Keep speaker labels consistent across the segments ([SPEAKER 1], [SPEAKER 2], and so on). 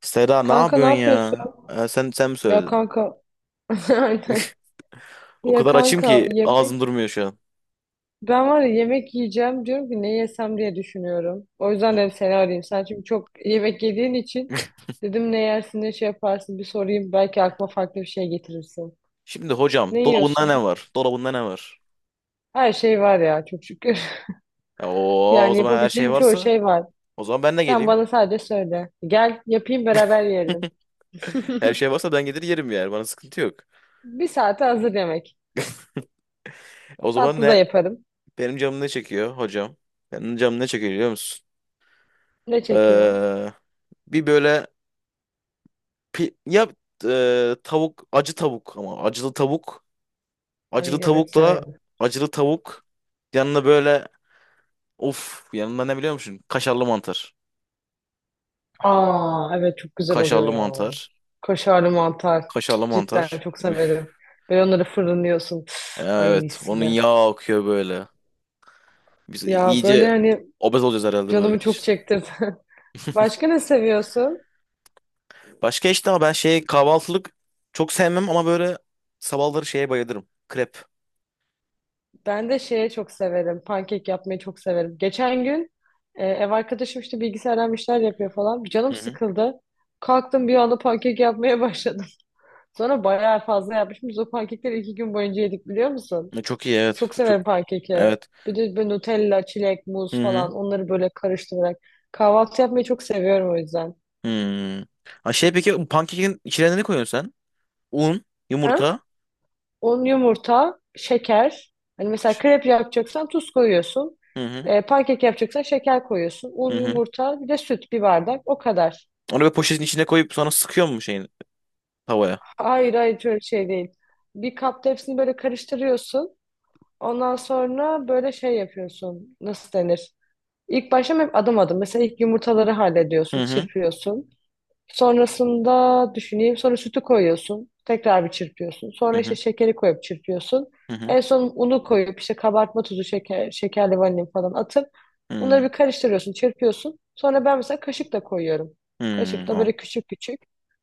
[SPEAKER 1] Seda ne
[SPEAKER 2] Kanka ne
[SPEAKER 1] yapıyorsun
[SPEAKER 2] yapıyorsun?
[SPEAKER 1] ya? Sen mi
[SPEAKER 2] Ya
[SPEAKER 1] söyledin?
[SPEAKER 2] kanka. Aynen.
[SPEAKER 1] O
[SPEAKER 2] Ya
[SPEAKER 1] kadar açım
[SPEAKER 2] kanka
[SPEAKER 1] ki ağzım
[SPEAKER 2] yemek,
[SPEAKER 1] durmuyor şu an.
[SPEAKER 2] ben var ya yemek yiyeceğim diyorum ki ne yesem diye düşünüyorum. O yüzden
[SPEAKER 1] Hı.
[SPEAKER 2] dedim seni arayayım. Sen çünkü çok yemek yediğin için dedim ne yersin, ne şey yaparsın bir sorayım, belki aklıma farklı bir şey getirirsin.
[SPEAKER 1] Şimdi hocam
[SPEAKER 2] Ne
[SPEAKER 1] dolabında
[SPEAKER 2] yiyorsun?
[SPEAKER 1] ne var? Dolabında ne var?
[SPEAKER 2] Her şey var ya, çok şükür.
[SPEAKER 1] Ya, oo, o
[SPEAKER 2] Yani
[SPEAKER 1] zaman her şey
[SPEAKER 2] yapabileceğim çoğu
[SPEAKER 1] varsa
[SPEAKER 2] şey var.
[SPEAKER 1] o zaman ben de
[SPEAKER 2] Sen
[SPEAKER 1] geleyim.
[SPEAKER 2] bana sadece söyle. Gel yapayım, beraber yiyelim.
[SPEAKER 1] Her şey varsa ben gelir yerim, yani bana sıkıntı yok.
[SPEAKER 2] Bir saate hazır yemek.
[SPEAKER 1] O zaman
[SPEAKER 2] Tatlı da
[SPEAKER 1] ne?
[SPEAKER 2] yaparım.
[SPEAKER 1] Benim canım ne çekiyor hocam? Benim canım ne çekiyor biliyor musun?
[SPEAKER 2] Ne çekiyor?
[SPEAKER 1] Ee, bir böyle ya tavuk acı tavuk ama acılı tavuk acılı
[SPEAKER 2] Ay evet,
[SPEAKER 1] tavukla
[SPEAKER 2] severim.
[SPEAKER 1] acılı tavuk yanına böyle. Of, yanında ne biliyor musun? Kaşarlı mantar.
[SPEAKER 2] Aa evet, çok güzel oluyor
[SPEAKER 1] Kaşarlı
[SPEAKER 2] ya.
[SPEAKER 1] mantar.
[SPEAKER 2] Kaşarlı mantar. Cık,
[SPEAKER 1] Kaşarlı
[SPEAKER 2] cidden
[SPEAKER 1] mantar.
[SPEAKER 2] çok
[SPEAKER 1] Üf.
[SPEAKER 2] severim. Böyle onları fırınlıyorsun. Üf, ay
[SPEAKER 1] Evet,
[SPEAKER 2] mis
[SPEAKER 1] onun
[SPEAKER 2] gibi.
[SPEAKER 1] yağı akıyor böyle. Biz
[SPEAKER 2] Ya
[SPEAKER 1] iyice
[SPEAKER 2] böyle hani
[SPEAKER 1] obez olacağız herhalde böyle
[SPEAKER 2] canımı çok
[SPEAKER 1] gidişte.
[SPEAKER 2] çekti. Başka ne seviyorsun?
[SPEAKER 1] Başka işte ama ben şey kahvaltılık çok sevmem, ama böyle sabahları şeye bayılırım. Krep.
[SPEAKER 2] Ben de şeye çok severim. Pankek yapmayı çok severim. Geçen gün ev arkadaşım işte bilgisayardan bir şeyler yapıyor falan. Canım
[SPEAKER 1] Hı hı.
[SPEAKER 2] sıkıldı. Kalktım bir anda pankek yapmaya başladım. Sonra bayağı fazla yapmışım. Biz o pankekleri 2 gün boyunca yedik, biliyor musun?
[SPEAKER 1] E, çok iyi, evet.
[SPEAKER 2] Çok
[SPEAKER 1] Çok
[SPEAKER 2] severim pankeki.
[SPEAKER 1] evet.
[SPEAKER 2] Bir de böyle Nutella, çilek,
[SPEAKER 1] Hı
[SPEAKER 2] muz
[SPEAKER 1] hı.
[SPEAKER 2] falan onları böyle karıştırarak. Kahvaltı yapmayı çok seviyorum o yüzden.
[SPEAKER 1] Hmm. Ha şey, peki bu pankekin içine ne koyuyorsun sen? Un,
[SPEAKER 2] Ha?
[SPEAKER 1] yumurta.
[SPEAKER 2] Un, yumurta, şeker. Hani mesela
[SPEAKER 1] Ş-
[SPEAKER 2] krep yapacaksan tuz koyuyorsun.
[SPEAKER 1] Hı hı.
[SPEAKER 2] E, pankek yapacaksan şeker koyuyorsun. Un,
[SPEAKER 1] Hı hı.
[SPEAKER 2] yumurta, bir de süt, bir bardak. O kadar.
[SPEAKER 1] Onu böyle poşetin içine koyup sonra sıkıyor mu şeyin tavaya?
[SPEAKER 2] Hayır hayır, şöyle şey değil. Bir kapta hepsini böyle karıştırıyorsun. Ondan sonra böyle şey yapıyorsun. Nasıl denir? İlk başta hep adım adım. Mesela ilk yumurtaları hallediyorsun,
[SPEAKER 1] Hı hı.
[SPEAKER 2] çırpıyorsun. Sonrasında düşüneyim. Sonra sütü koyuyorsun. Tekrar bir çırpıyorsun.
[SPEAKER 1] Hı
[SPEAKER 2] Sonra işte
[SPEAKER 1] hı.
[SPEAKER 2] şekeri koyup çırpıyorsun.
[SPEAKER 1] Hı hı.
[SPEAKER 2] En son unu koyup işte kabartma tuzu, şeker, şekerli vanilin falan atıp bunları
[SPEAKER 1] Hmm,
[SPEAKER 2] bir karıştırıyorsun, çırpıyorsun. Sonra ben mesela kaşıkla koyuyorum.
[SPEAKER 1] hmm,
[SPEAKER 2] Kaşıkla
[SPEAKER 1] o.
[SPEAKER 2] böyle küçük küçük.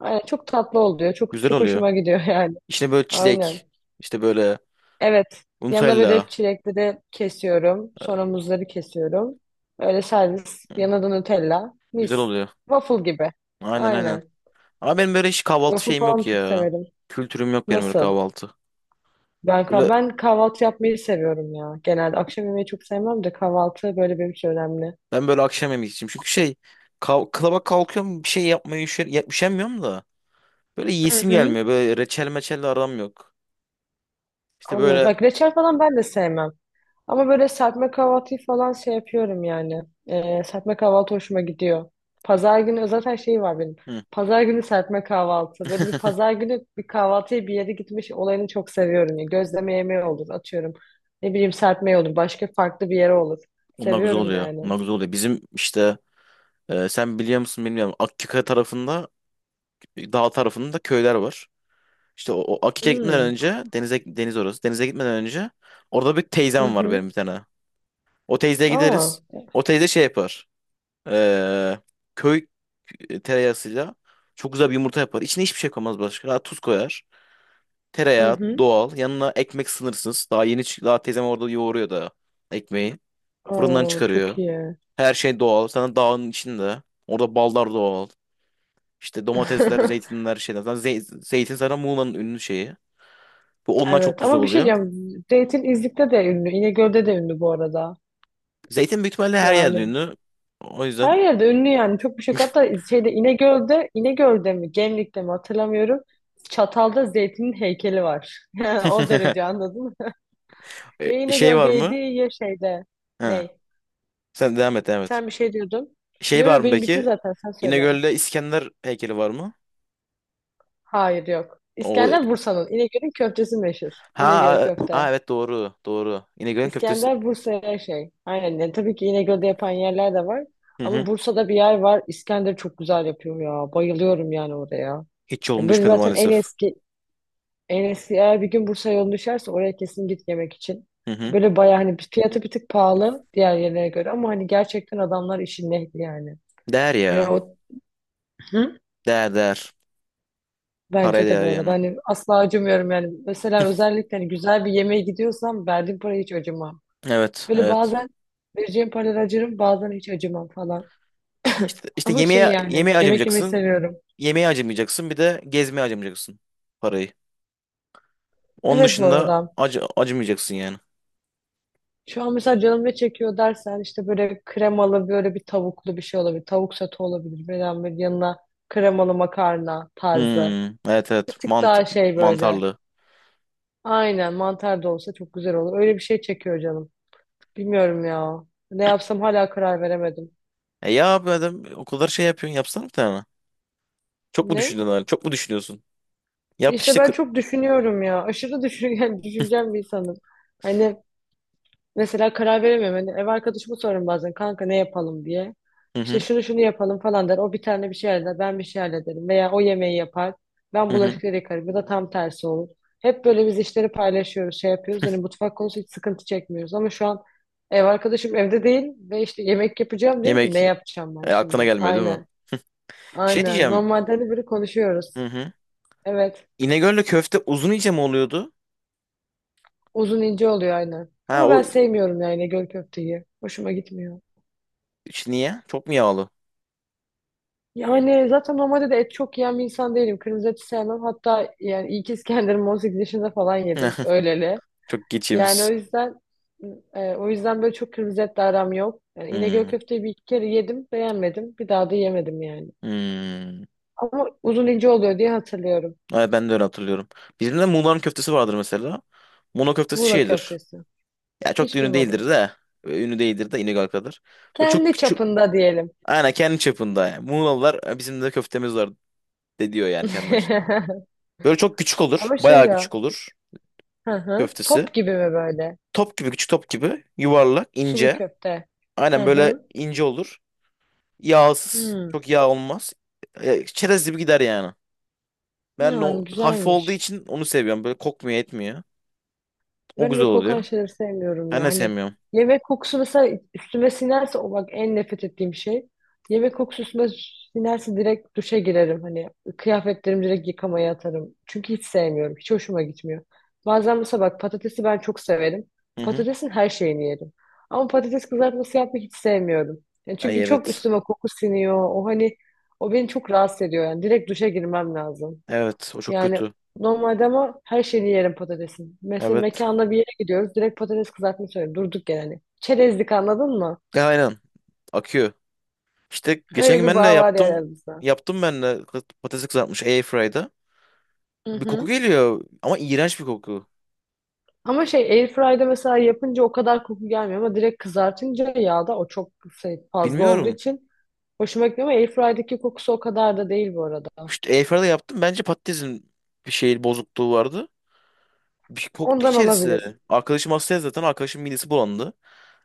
[SPEAKER 2] Aynen, çok tatlı oluyor. Çok
[SPEAKER 1] Güzel
[SPEAKER 2] çok
[SPEAKER 1] oluyor.
[SPEAKER 2] hoşuma gidiyor yani.
[SPEAKER 1] İçine böyle
[SPEAKER 2] Aynen.
[SPEAKER 1] çilek, işte böyle
[SPEAKER 2] Evet. Yanına
[SPEAKER 1] Nutella.
[SPEAKER 2] böyle çilekleri kesiyorum. Sonra muzları kesiyorum. Öyle servis.
[SPEAKER 1] Hmm,
[SPEAKER 2] Yanına da Nutella.
[SPEAKER 1] güzel
[SPEAKER 2] Mis.
[SPEAKER 1] oluyor.
[SPEAKER 2] Waffle gibi.
[SPEAKER 1] Aynen aynen.
[SPEAKER 2] Aynen.
[SPEAKER 1] Ama benim böyle hiç kahvaltı
[SPEAKER 2] Waffle
[SPEAKER 1] şeyim
[SPEAKER 2] falan
[SPEAKER 1] yok
[SPEAKER 2] çok
[SPEAKER 1] ya.
[SPEAKER 2] severim.
[SPEAKER 1] Kültürüm yok benim böyle
[SPEAKER 2] Nasıl?
[SPEAKER 1] kahvaltı. Böyle,
[SPEAKER 2] Ben kahvaltı yapmayı seviyorum ya. Genelde akşam yemeği çok sevmem de kahvaltı böyle benim için önemli.
[SPEAKER 1] ben böyle akşam yemek için. Çünkü şey, kalaba kalkıyorum bir şey yapmaya, üşer, üşenmiyorum da. Böyle
[SPEAKER 2] Hı
[SPEAKER 1] yiyesim
[SPEAKER 2] hı.
[SPEAKER 1] gelmiyor. Böyle reçel meçelle aram yok. İşte
[SPEAKER 2] Anladım.
[SPEAKER 1] böyle
[SPEAKER 2] Bak reçel falan ben de sevmem. Ama böyle serpme kahvaltıyı falan şey yapıyorum yani. Serpme kahvaltı hoşuma gidiyor. Pazar günü zaten şey var benim.
[SPEAKER 1] hı,
[SPEAKER 2] Pazar günü serpme kahvaltı. Böyle bir pazar günü bir kahvaltıya bir yere gitmiş olayını çok seviyorum. Ya. Gözleme yemeği olur, atıyorum. Ne bileyim, serpme olur. Başka farklı bir yere olur.
[SPEAKER 1] onlar güzel
[SPEAKER 2] Seviyorum
[SPEAKER 1] oluyor.
[SPEAKER 2] yani.
[SPEAKER 1] Onlar güzel oluyor. Bizim işte sen biliyor musun bilmiyorum. Akkika tarafında, dağ tarafında köyler var. İşte o Akik'e gitmeden
[SPEAKER 2] Hmm.
[SPEAKER 1] önce denize, deniz orası. Denize gitmeden önce orada bir
[SPEAKER 2] Hı
[SPEAKER 1] teyzem var benim,
[SPEAKER 2] hı.
[SPEAKER 1] bir tane. O teyzeye
[SPEAKER 2] Aa.
[SPEAKER 1] gideriz. O teyze şey yapar. Ee, Köy tereyağısıyla çok güzel bir yumurta yapar. İçine hiçbir şey koymaz başka. Tuz koyar.
[SPEAKER 2] Hı
[SPEAKER 1] Tereyağı
[SPEAKER 2] hı.
[SPEAKER 1] doğal. Yanına ekmek sınırsız. Daha teyzem orada yoğuruyor da ekmeği. Fırından
[SPEAKER 2] Oo, çok
[SPEAKER 1] çıkarıyor.
[SPEAKER 2] iyi.
[SPEAKER 1] Her şey doğal. Sana dağın içinde. Orada ballar doğal. İşte domatesler, zeytinler, şeyler. Zaten zeytin zaten Muğla'nın ünlü şeyi. Bu ondan çok
[SPEAKER 2] Evet
[SPEAKER 1] güzel
[SPEAKER 2] ama bir şey
[SPEAKER 1] oluyor.
[SPEAKER 2] diyeceğim. Zeytin Zeytinizlik'te de ünlü. İnegöl'de de ünlü bu arada.
[SPEAKER 1] Zeytin büyük ihtimalle her yerde
[SPEAKER 2] Yani
[SPEAKER 1] ünlü. O yüzden.
[SPEAKER 2] her yerde ünlü yani. Çok bir şey yok. Hatta şeyde, İnegöl'de, İnegöl'de mi Gemlik'te mi hatırlamıyorum. Çatal'da Zeytin'in heykeli var. Yani o derece, anladın mı? Ya
[SPEAKER 1] E, şey var
[SPEAKER 2] İnegöl'deydi
[SPEAKER 1] mı?
[SPEAKER 2] ya şeyde.
[SPEAKER 1] Ha.
[SPEAKER 2] Ney?
[SPEAKER 1] Sen devam et, devam et.
[SPEAKER 2] Sen bir şey diyordun.
[SPEAKER 1] Şey
[SPEAKER 2] Yo
[SPEAKER 1] var
[SPEAKER 2] yo,
[SPEAKER 1] mı
[SPEAKER 2] benim bitti
[SPEAKER 1] peki?
[SPEAKER 2] zaten, sen söyle.
[SPEAKER 1] İnegöl'de İskender heykeli var mı?
[SPEAKER 2] Hayır yok.
[SPEAKER 1] O
[SPEAKER 2] İskender Bursa'nın. İnegöl'ün köftesi meşhur.
[SPEAKER 1] ha,
[SPEAKER 2] İnegöl köfte.
[SPEAKER 1] evet doğru, doğru. İnegöl'ün köftesi.
[SPEAKER 2] İskender Bursa'ya şey. Aynen. Yani tabii ki İnegöl'de yapan yerler de var.
[SPEAKER 1] Hı
[SPEAKER 2] Ama
[SPEAKER 1] hı.
[SPEAKER 2] Bursa'da bir yer var. İskender çok güzel yapıyor ya. Bayılıyorum yani oraya.
[SPEAKER 1] Hiç yolum
[SPEAKER 2] Yani böyle
[SPEAKER 1] düşmedi
[SPEAKER 2] zaten en
[SPEAKER 1] maalesef.
[SPEAKER 2] eski en eski eğer bir gün Bursa yolun düşerse oraya kesin git yemek için.
[SPEAKER 1] Hı hı.
[SPEAKER 2] Böyle bayağı hani fiyatı bir tık pahalı diğer yerlere göre, ama hani gerçekten adamlar işin ehli yani.
[SPEAKER 1] Değer
[SPEAKER 2] Hani
[SPEAKER 1] ya.
[SPEAKER 2] o Hı?
[SPEAKER 1] Değer değer. Paraya
[SPEAKER 2] Bence de
[SPEAKER 1] değer
[SPEAKER 2] bu arada,
[SPEAKER 1] yani.
[SPEAKER 2] hani asla acımıyorum yani. Mesela özellikle hani güzel bir yemeğe gidiyorsam verdiğim parayı hiç acımam.
[SPEAKER 1] Evet,
[SPEAKER 2] Böyle
[SPEAKER 1] evet.
[SPEAKER 2] bazen vereceğim paralara acırım, bazen hiç acımam falan.
[SPEAKER 1] İşte,
[SPEAKER 2] Ama şey
[SPEAKER 1] yemeğe
[SPEAKER 2] yani,
[SPEAKER 1] yemeğe
[SPEAKER 2] yemek yemeyi
[SPEAKER 1] acımayacaksın.
[SPEAKER 2] seviyorum.
[SPEAKER 1] Yemeğe acımayacaksın. Bir de gezmeye acımayacaksın parayı. Onun
[SPEAKER 2] Evet, bu
[SPEAKER 1] dışında
[SPEAKER 2] arada.
[SPEAKER 1] acımayacaksın yani.
[SPEAKER 2] Şu an mesela canım ne çekiyor dersen işte böyle kremalı böyle bir tavuklu bir şey olabilir. Tavuk sote olabilir. Veya bir yanına kremalı makarna tarzı.
[SPEAKER 1] Hmm, evet,
[SPEAKER 2] Bir
[SPEAKER 1] evet,
[SPEAKER 2] tık daha şey böyle.
[SPEAKER 1] mantarlı.
[SPEAKER 2] Aynen, mantar da olsa çok güzel olur. Öyle bir şey çekiyor canım. Bilmiyorum ya. Ne yapsam hala karar veremedim.
[SPEAKER 1] E ya abi, adam o kadar şey yapıyorsun, yapsana bir tane. Çok mu
[SPEAKER 2] Ne?
[SPEAKER 1] düşündün öyle? Çok mu düşünüyorsun? Yap
[SPEAKER 2] İşte
[SPEAKER 1] işte.
[SPEAKER 2] ben çok düşünüyorum ya. Aşırı düşün, yani düşüncem bir insanım. Hani. Mesela karar veremiyorum. Hani ev arkadaşımı sorarım bazen, kanka ne yapalım diye.
[SPEAKER 1] Hı
[SPEAKER 2] İşte
[SPEAKER 1] hı
[SPEAKER 2] şunu şunu yapalım falan der. O bir tane bir şey halleder. Ben bir şey hallederim. Veya o yemeği yapar. Ben
[SPEAKER 1] hı hı.
[SPEAKER 2] bulaşıkları yıkarım. Ya da tam tersi olur. Hep böyle biz işleri paylaşıyoruz, şey yapıyoruz. Hani mutfak konusu hiç sıkıntı çekmiyoruz. Ama şu an ev arkadaşım evde değil ve işte yemek yapacağım diyorum ki ne
[SPEAKER 1] Yemek
[SPEAKER 2] yapacağım ben
[SPEAKER 1] aklına
[SPEAKER 2] şimdi?
[SPEAKER 1] gelmiyor değil mi?
[SPEAKER 2] Aynen.
[SPEAKER 1] Şey
[SPEAKER 2] Aynen.
[SPEAKER 1] diyeceğim.
[SPEAKER 2] Normalde hani böyle konuşuyoruz.
[SPEAKER 1] Hı hı.
[SPEAKER 2] Evet.
[SPEAKER 1] İnegöl'le köfte uzun, iyice mi oluyordu?
[SPEAKER 2] Uzun ince oluyor, aynen.
[SPEAKER 1] Ha
[SPEAKER 2] Ama ben
[SPEAKER 1] o
[SPEAKER 2] sevmiyorum yani göl köfteyi. Hoşuma gitmiyor.
[SPEAKER 1] işte, niye? Çok mu yağlı?
[SPEAKER 2] Yani zaten normalde de et çok yiyen bir insan değilim. Kırmızı eti sevmem. Hatta yani ilk İskender'imi 18 yaşında falan yedim. Öyleli.
[SPEAKER 1] Çok
[SPEAKER 2] Yani
[SPEAKER 1] geçiyoruz.
[SPEAKER 2] o yüzden böyle çok kırmızı etle aram yok. Yani İnegöl
[SPEAKER 1] Hmm,
[SPEAKER 2] köfteyi bir iki kere yedim. Beğenmedim. Bir daha da yemedim yani.
[SPEAKER 1] hmm.
[SPEAKER 2] Ama uzun ince oluyor diye hatırlıyorum.
[SPEAKER 1] Evet, ben de öyle hatırlıyorum. Bizim de Muğla'nın köftesi vardır mesela. Muğla köftesi
[SPEAKER 2] Muğla
[SPEAKER 1] şeydir.
[SPEAKER 2] köftesi.
[SPEAKER 1] Ya çok da
[SPEAKER 2] Hiç
[SPEAKER 1] ünlü
[SPEAKER 2] duymadım.
[SPEAKER 1] değildir de. Ünlü değildir de İnegöl kadar. Böyle çok
[SPEAKER 2] Kendi
[SPEAKER 1] küçük.
[SPEAKER 2] çapında diyelim.
[SPEAKER 1] Aynen, kendi çapında yani. Muğlalılar "E, bizim de köftemiz var" de diyor yani kendi başında. Böyle çok küçük olur.
[SPEAKER 2] Ama şey
[SPEAKER 1] Bayağı
[SPEAKER 2] ya.
[SPEAKER 1] küçük olur
[SPEAKER 2] Hı hı.
[SPEAKER 1] köftesi.
[SPEAKER 2] Top gibi mi böyle?
[SPEAKER 1] Top gibi küçük, top gibi yuvarlak,
[SPEAKER 2] Sulu
[SPEAKER 1] ince.
[SPEAKER 2] köfte. Hı
[SPEAKER 1] Aynen böyle
[SPEAKER 2] hı.
[SPEAKER 1] ince olur. Yağsız.
[SPEAKER 2] Hmm.
[SPEAKER 1] Çok yağ olmaz. E, çerez gibi gider yani. Ben de o
[SPEAKER 2] Yani
[SPEAKER 1] hafif olduğu
[SPEAKER 2] güzelmiş.
[SPEAKER 1] için onu seviyorum. Böyle kokmuyor, etmiyor. O
[SPEAKER 2] Ben öyle
[SPEAKER 1] güzel
[SPEAKER 2] kokan
[SPEAKER 1] oluyor.
[SPEAKER 2] şeyleri sevmiyorum
[SPEAKER 1] Ben
[SPEAKER 2] ya.
[SPEAKER 1] de
[SPEAKER 2] Hani
[SPEAKER 1] sevmiyorum.
[SPEAKER 2] yemek kokusu mesela üstüme sinerse o bak en nefret ettiğim şey. Yemek kokusu üstüme sinerse direkt duşa girerim. Hani kıyafetlerimi direkt yıkamaya atarım. Çünkü hiç sevmiyorum. Hiç hoşuma gitmiyor. Bazen mesela bak patatesi ben çok severim.
[SPEAKER 1] Hı hı.
[SPEAKER 2] Patatesin her şeyini yerim. Ama patates kızartması yapmayı hiç sevmiyorum. Yani
[SPEAKER 1] Ay,
[SPEAKER 2] çünkü çok
[SPEAKER 1] evet.
[SPEAKER 2] üstüme koku siniyor. O hani o beni çok rahatsız ediyor yani. Direkt duşa girmem lazım.
[SPEAKER 1] Evet, o çok
[SPEAKER 2] Yani
[SPEAKER 1] kötü.
[SPEAKER 2] normalde ama her şeyini yerim patatesin. Mesela
[SPEAKER 1] Evet.
[SPEAKER 2] mekanda bir yere gidiyoruz. Direkt patates kızartma söylüyorum. Durduk yani. Çerezlik, anladın mı?
[SPEAKER 1] Ya, aynen. Akıyor. İşte geçen
[SPEAKER 2] Öyle
[SPEAKER 1] gün
[SPEAKER 2] bir
[SPEAKER 1] ben de
[SPEAKER 2] bağ var yani
[SPEAKER 1] yaptım.
[SPEAKER 2] aramızda.
[SPEAKER 1] Yaptım ben de, patates kızartmış airfryer'da.
[SPEAKER 2] Hı
[SPEAKER 1] Bir koku
[SPEAKER 2] hı.
[SPEAKER 1] geliyor ama, iğrenç bir koku.
[SPEAKER 2] Ama şey, airfryer'da mesela yapınca o kadar koku gelmiyor ama direkt kızartınca yağda o çok şey, fazla olduğu
[SPEAKER 1] Bilmiyorum.
[SPEAKER 2] için hoşuma gitmiyor, ama airfryer'daki kokusu o kadar da değil bu arada.
[SPEAKER 1] İşte airfryer'da yaptım. Bence patatesin bir şey bozukluğu vardı. Bir koktu
[SPEAKER 2] Ondan
[SPEAKER 1] içerisi.
[SPEAKER 2] olabilir.
[SPEAKER 1] Arkadaşım hastaya, zaten arkadaşım midesi bulandı.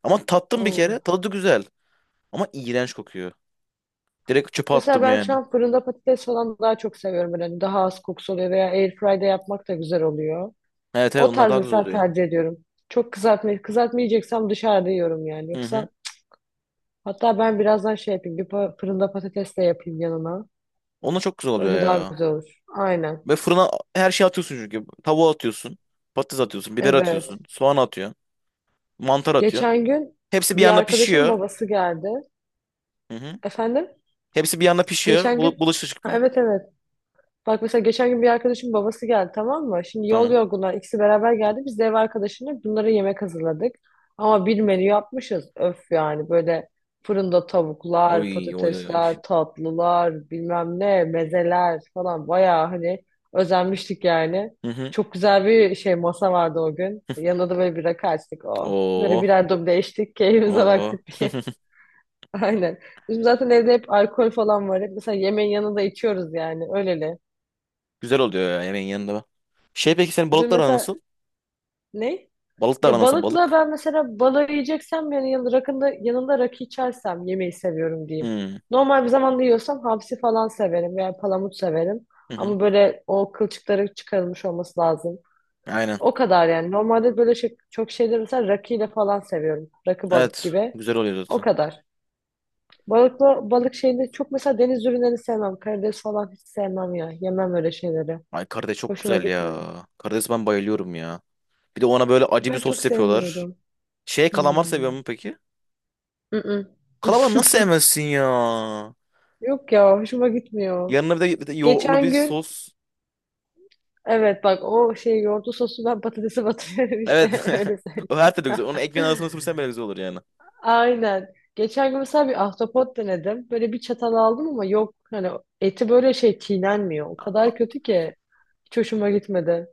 [SPEAKER 1] Ama tattım bir
[SPEAKER 2] Oo.
[SPEAKER 1] kere. Tadı da güzel. Ama iğrenç kokuyor. Direkt çöpe
[SPEAKER 2] Mesela
[SPEAKER 1] attım
[SPEAKER 2] ben
[SPEAKER 1] yani.
[SPEAKER 2] şu an fırında patates falan daha çok seviyorum. Yani daha az kokusu oluyor veya airfryer'da yapmak da güzel oluyor.
[SPEAKER 1] Evet, evet,
[SPEAKER 2] O
[SPEAKER 1] onlar
[SPEAKER 2] tarz
[SPEAKER 1] daha güzel
[SPEAKER 2] mesela
[SPEAKER 1] oluyor.
[SPEAKER 2] tercih ediyorum. Çok kızartmayı kızartmayacaksam dışarıda yiyorum yani.
[SPEAKER 1] Hı hı.
[SPEAKER 2] Yoksa hatta ben birazdan şey yapayım. Fırında patates de yapayım yanına.
[SPEAKER 1] Onlar çok güzel oluyor
[SPEAKER 2] Öyle daha
[SPEAKER 1] ya.
[SPEAKER 2] güzel olur. Aynen.
[SPEAKER 1] Ve fırına her şeyi atıyorsun çünkü. Tavuğu atıyorsun. Patates atıyorsun. Biber atıyorsun.
[SPEAKER 2] Evet.
[SPEAKER 1] Soğan atıyorsun. Mantar atıyorsun.
[SPEAKER 2] Geçen gün
[SPEAKER 1] Hepsi bir
[SPEAKER 2] bir
[SPEAKER 1] yanda
[SPEAKER 2] arkadaşım
[SPEAKER 1] pişiyor.
[SPEAKER 2] babası geldi.
[SPEAKER 1] Hı hı.
[SPEAKER 2] Efendim?
[SPEAKER 1] Hepsi bir yanda pişiyor.
[SPEAKER 2] Geçen gün
[SPEAKER 1] Bulaşık
[SPEAKER 2] Ha,
[SPEAKER 1] çıkmıyor.
[SPEAKER 2] evet evet. Bak mesela geçen gün bir arkadaşım babası geldi, tamam mı? Şimdi yol
[SPEAKER 1] Tamam.
[SPEAKER 2] yorgunlar, ikisi beraber geldi. Biz de ev arkadaşına bunlara yemek hazırladık. Ama bir menü yapmışız. Öf yani böyle fırında tavuklar,
[SPEAKER 1] Oy oy oy. Oy.
[SPEAKER 2] patatesler, tatlılar, bilmem ne, mezeler falan, bayağı hani özenmiştik yani.
[SPEAKER 1] Hı hı.
[SPEAKER 2] Çok güzel bir şey masa vardı o gün. Yanında da böyle bir rakı açtık o. Böyle
[SPEAKER 1] Oo.
[SPEAKER 2] birer duble içtik, keyfimize
[SPEAKER 1] Oo.
[SPEAKER 2] baktık diye. Aynen. Bizim zaten evde hep alkol falan var. Hep mesela yemeğin yanında içiyoruz yani öyleli.
[SPEAKER 1] Güzel oluyor ya yemeğin yanında. Bak. Şey peki, senin
[SPEAKER 2] Dün
[SPEAKER 1] balıklar aran nasıl?
[SPEAKER 2] mesela Ne?
[SPEAKER 1] Balıklar aran
[SPEAKER 2] Ya
[SPEAKER 1] nasıl
[SPEAKER 2] balıkla
[SPEAKER 1] balık?
[SPEAKER 2] ben mesela balığı yiyeceksem yani yanında, rakında, yanında rakı içersem yemeği seviyorum diyeyim.
[SPEAKER 1] Hmm.
[SPEAKER 2] Normal bir zamanda yiyorsam hamsi falan severim veya palamut severim.
[SPEAKER 1] Hı hı.
[SPEAKER 2] Ama böyle o kılçıkları çıkarılmış olması lazım.
[SPEAKER 1] Aynen.
[SPEAKER 2] O kadar yani. Normalde böyle şey, çok şeyleri mesela rakıyla falan seviyorum. Rakı balık
[SPEAKER 1] Evet.
[SPEAKER 2] gibi.
[SPEAKER 1] Güzel oluyor
[SPEAKER 2] O
[SPEAKER 1] zaten.
[SPEAKER 2] kadar. Balıkla, balık şeyini çok mesela deniz ürünlerini sevmem. Karides falan hiç sevmem ya. Yemem öyle şeyleri.
[SPEAKER 1] Ay karides çok
[SPEAKER 2] Hoşuma
[SPEAKER 1] güzel ya.
[SPEAKER 2] gitmiyor.
[SPEAKER 1] Karides, ben bayılıyorum ya. Bir de ona böyle acı bir
[SPEAKER 2] Ben çok
[SPEAKER 1] sos yapıyorlar.
[SPEAKER 2] sevmiyorum.
[SPEAKER 1] Şey kalamar seviyor
[SPEAKER 2] Hmm.
[SPEAKER 1] mu peki?
[SPEAKER 2] Mm-mm.
[SPEAKER 1] Kalamar nasıl sevmezsin ya?
[SPEAKER 2] Yok ya, hoşuma gitmiyor.
[SPEAKER 1] Yanına bir de, bir de yoğurtlu
[SPEAKER 2] Geçen
[SPEAKER 1] bir
[SPEAKER 2] gün
[SPEAKER 1] sos.
[SPEAKER 2] evet bak o şey yoğurtlu sosu ben patatese batırıyorum işte
[SPEAKER 1] Evet.
[SPEAKER 2] öyle söyleyeyim.
[SPEAKER 1] O her türlü güzel. Onu ekmeğin arasına sürsen bile güzel olur yani.
[SPEAKER 2] Aynen. Geçen gün mesela bir ahtapot denedim. Böyle bir çatal aldım ama yok hani eti böyle şey çiğnenmiyor. O
[SPEAKER 1] A-
[SPEAKER 2] kadar kötü ki hiç hoşuma gitmedi.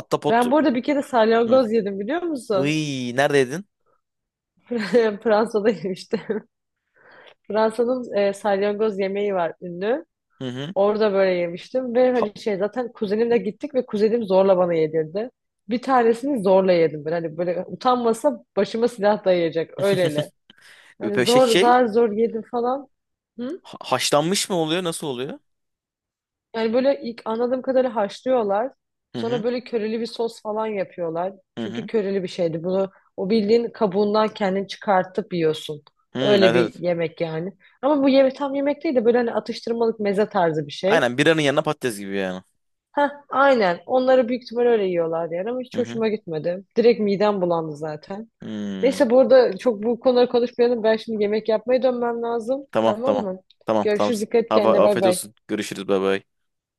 [SPEAKER 1] Atta pot.
[SPEAKER 2] Ben burada bir kere
[SPEAKER 1] Hı.
[SPEAKER 2] salyangoz yedim, biliyor musun?
[SPEAKER 1] Iy, neredeydin?
[SPEAKER 2] Fransa'da yemiştim. Fransa'nın e, salyangoz yemeği var, ünlü.
[SPEAKER 1] Hı hı.
[SPEAKER 2] Orada böyle yemiştim ve
[SPEAKER 1] Ha-
[SPEAKER 2] hani şey zaten kuzenimle gittik ve kuzenim zorla bana yedirdi. Bir tanesini zorla yedim ben. Hani böyle utanmasa başıma silah dayayacak, öyleli. Hani
[SPEAKER 1] Öpeşek
[SPEAKER 2] zor
[SPEAKER 1] şey,
[SPEAKER 2] zar zor yedim falan. Hı?
[SPEAKER 1] haşlanmış mı oluyor? Nasıl oluyor?
[SPEAKER 2] Yani böyle ilk anladığım kadarıyla haşlıyorlar.
[SPEAKER 1] Hı
[SPEAKER 2] Sonra
[SPEAKER 1] hı.
[SPEAKER 2] böyle köreli bir sos falan yapıyorlar.
[SPEAKER 1] Hı
[SPEAKER 2] Çünkü
[SPEAKER 1] hı.
[SPEAKER 2] köreli bir şeydi. Bunu o bildiğin kabuğundan kendini çıkartıp yiyorsun.
[SPEAKER 1] Hı, evet,
[SPEAKER 2] Öyle bir
[SPEAKER 1] evet.
[SPEAKER 2] yemek yani. Ama bu yemek tam yemek değil de böyle hani atıştırmalık meze tarzı bir şey.
[SPEAKER 1] Aynen, biranın yanına patates gibi yani.
[SPEAKER 2] Heh, aynen. Onları büyük ihtimal öyle yiyorlar yani ama
[SPEAKER 1] Hı
[SPEAKER 2] hiç
[SPEAKER 1] hı.
[SPEAKER 2] hoşuma gitmedi. Direkt midem bulandı zaten.
[SPEAKER 1] Hmm.
[SPEAKER 2] Neyse bu arada, çok bu konuları konuşmayalım. Ben şimdi yemek yapmaya dönmem lazım.
[SPEAKER 1] Tamam,
[SPEAKER 2] Tamam
[SPEAKER 1] tamam.
[SPEAKER 2] mı?
[SPEAKER 1] Tamam, tamam.
[SPEAKER 2] Görüşürüz. Dikkat et
[SPEAKER 1] Abi,
[SPEAKER 2] kendine. Bay
[SPEAKER 1] afiyet
[SPEAKER 2] bay.
[SPEAKER 1] olsun. Görüşürüz. Bay bay.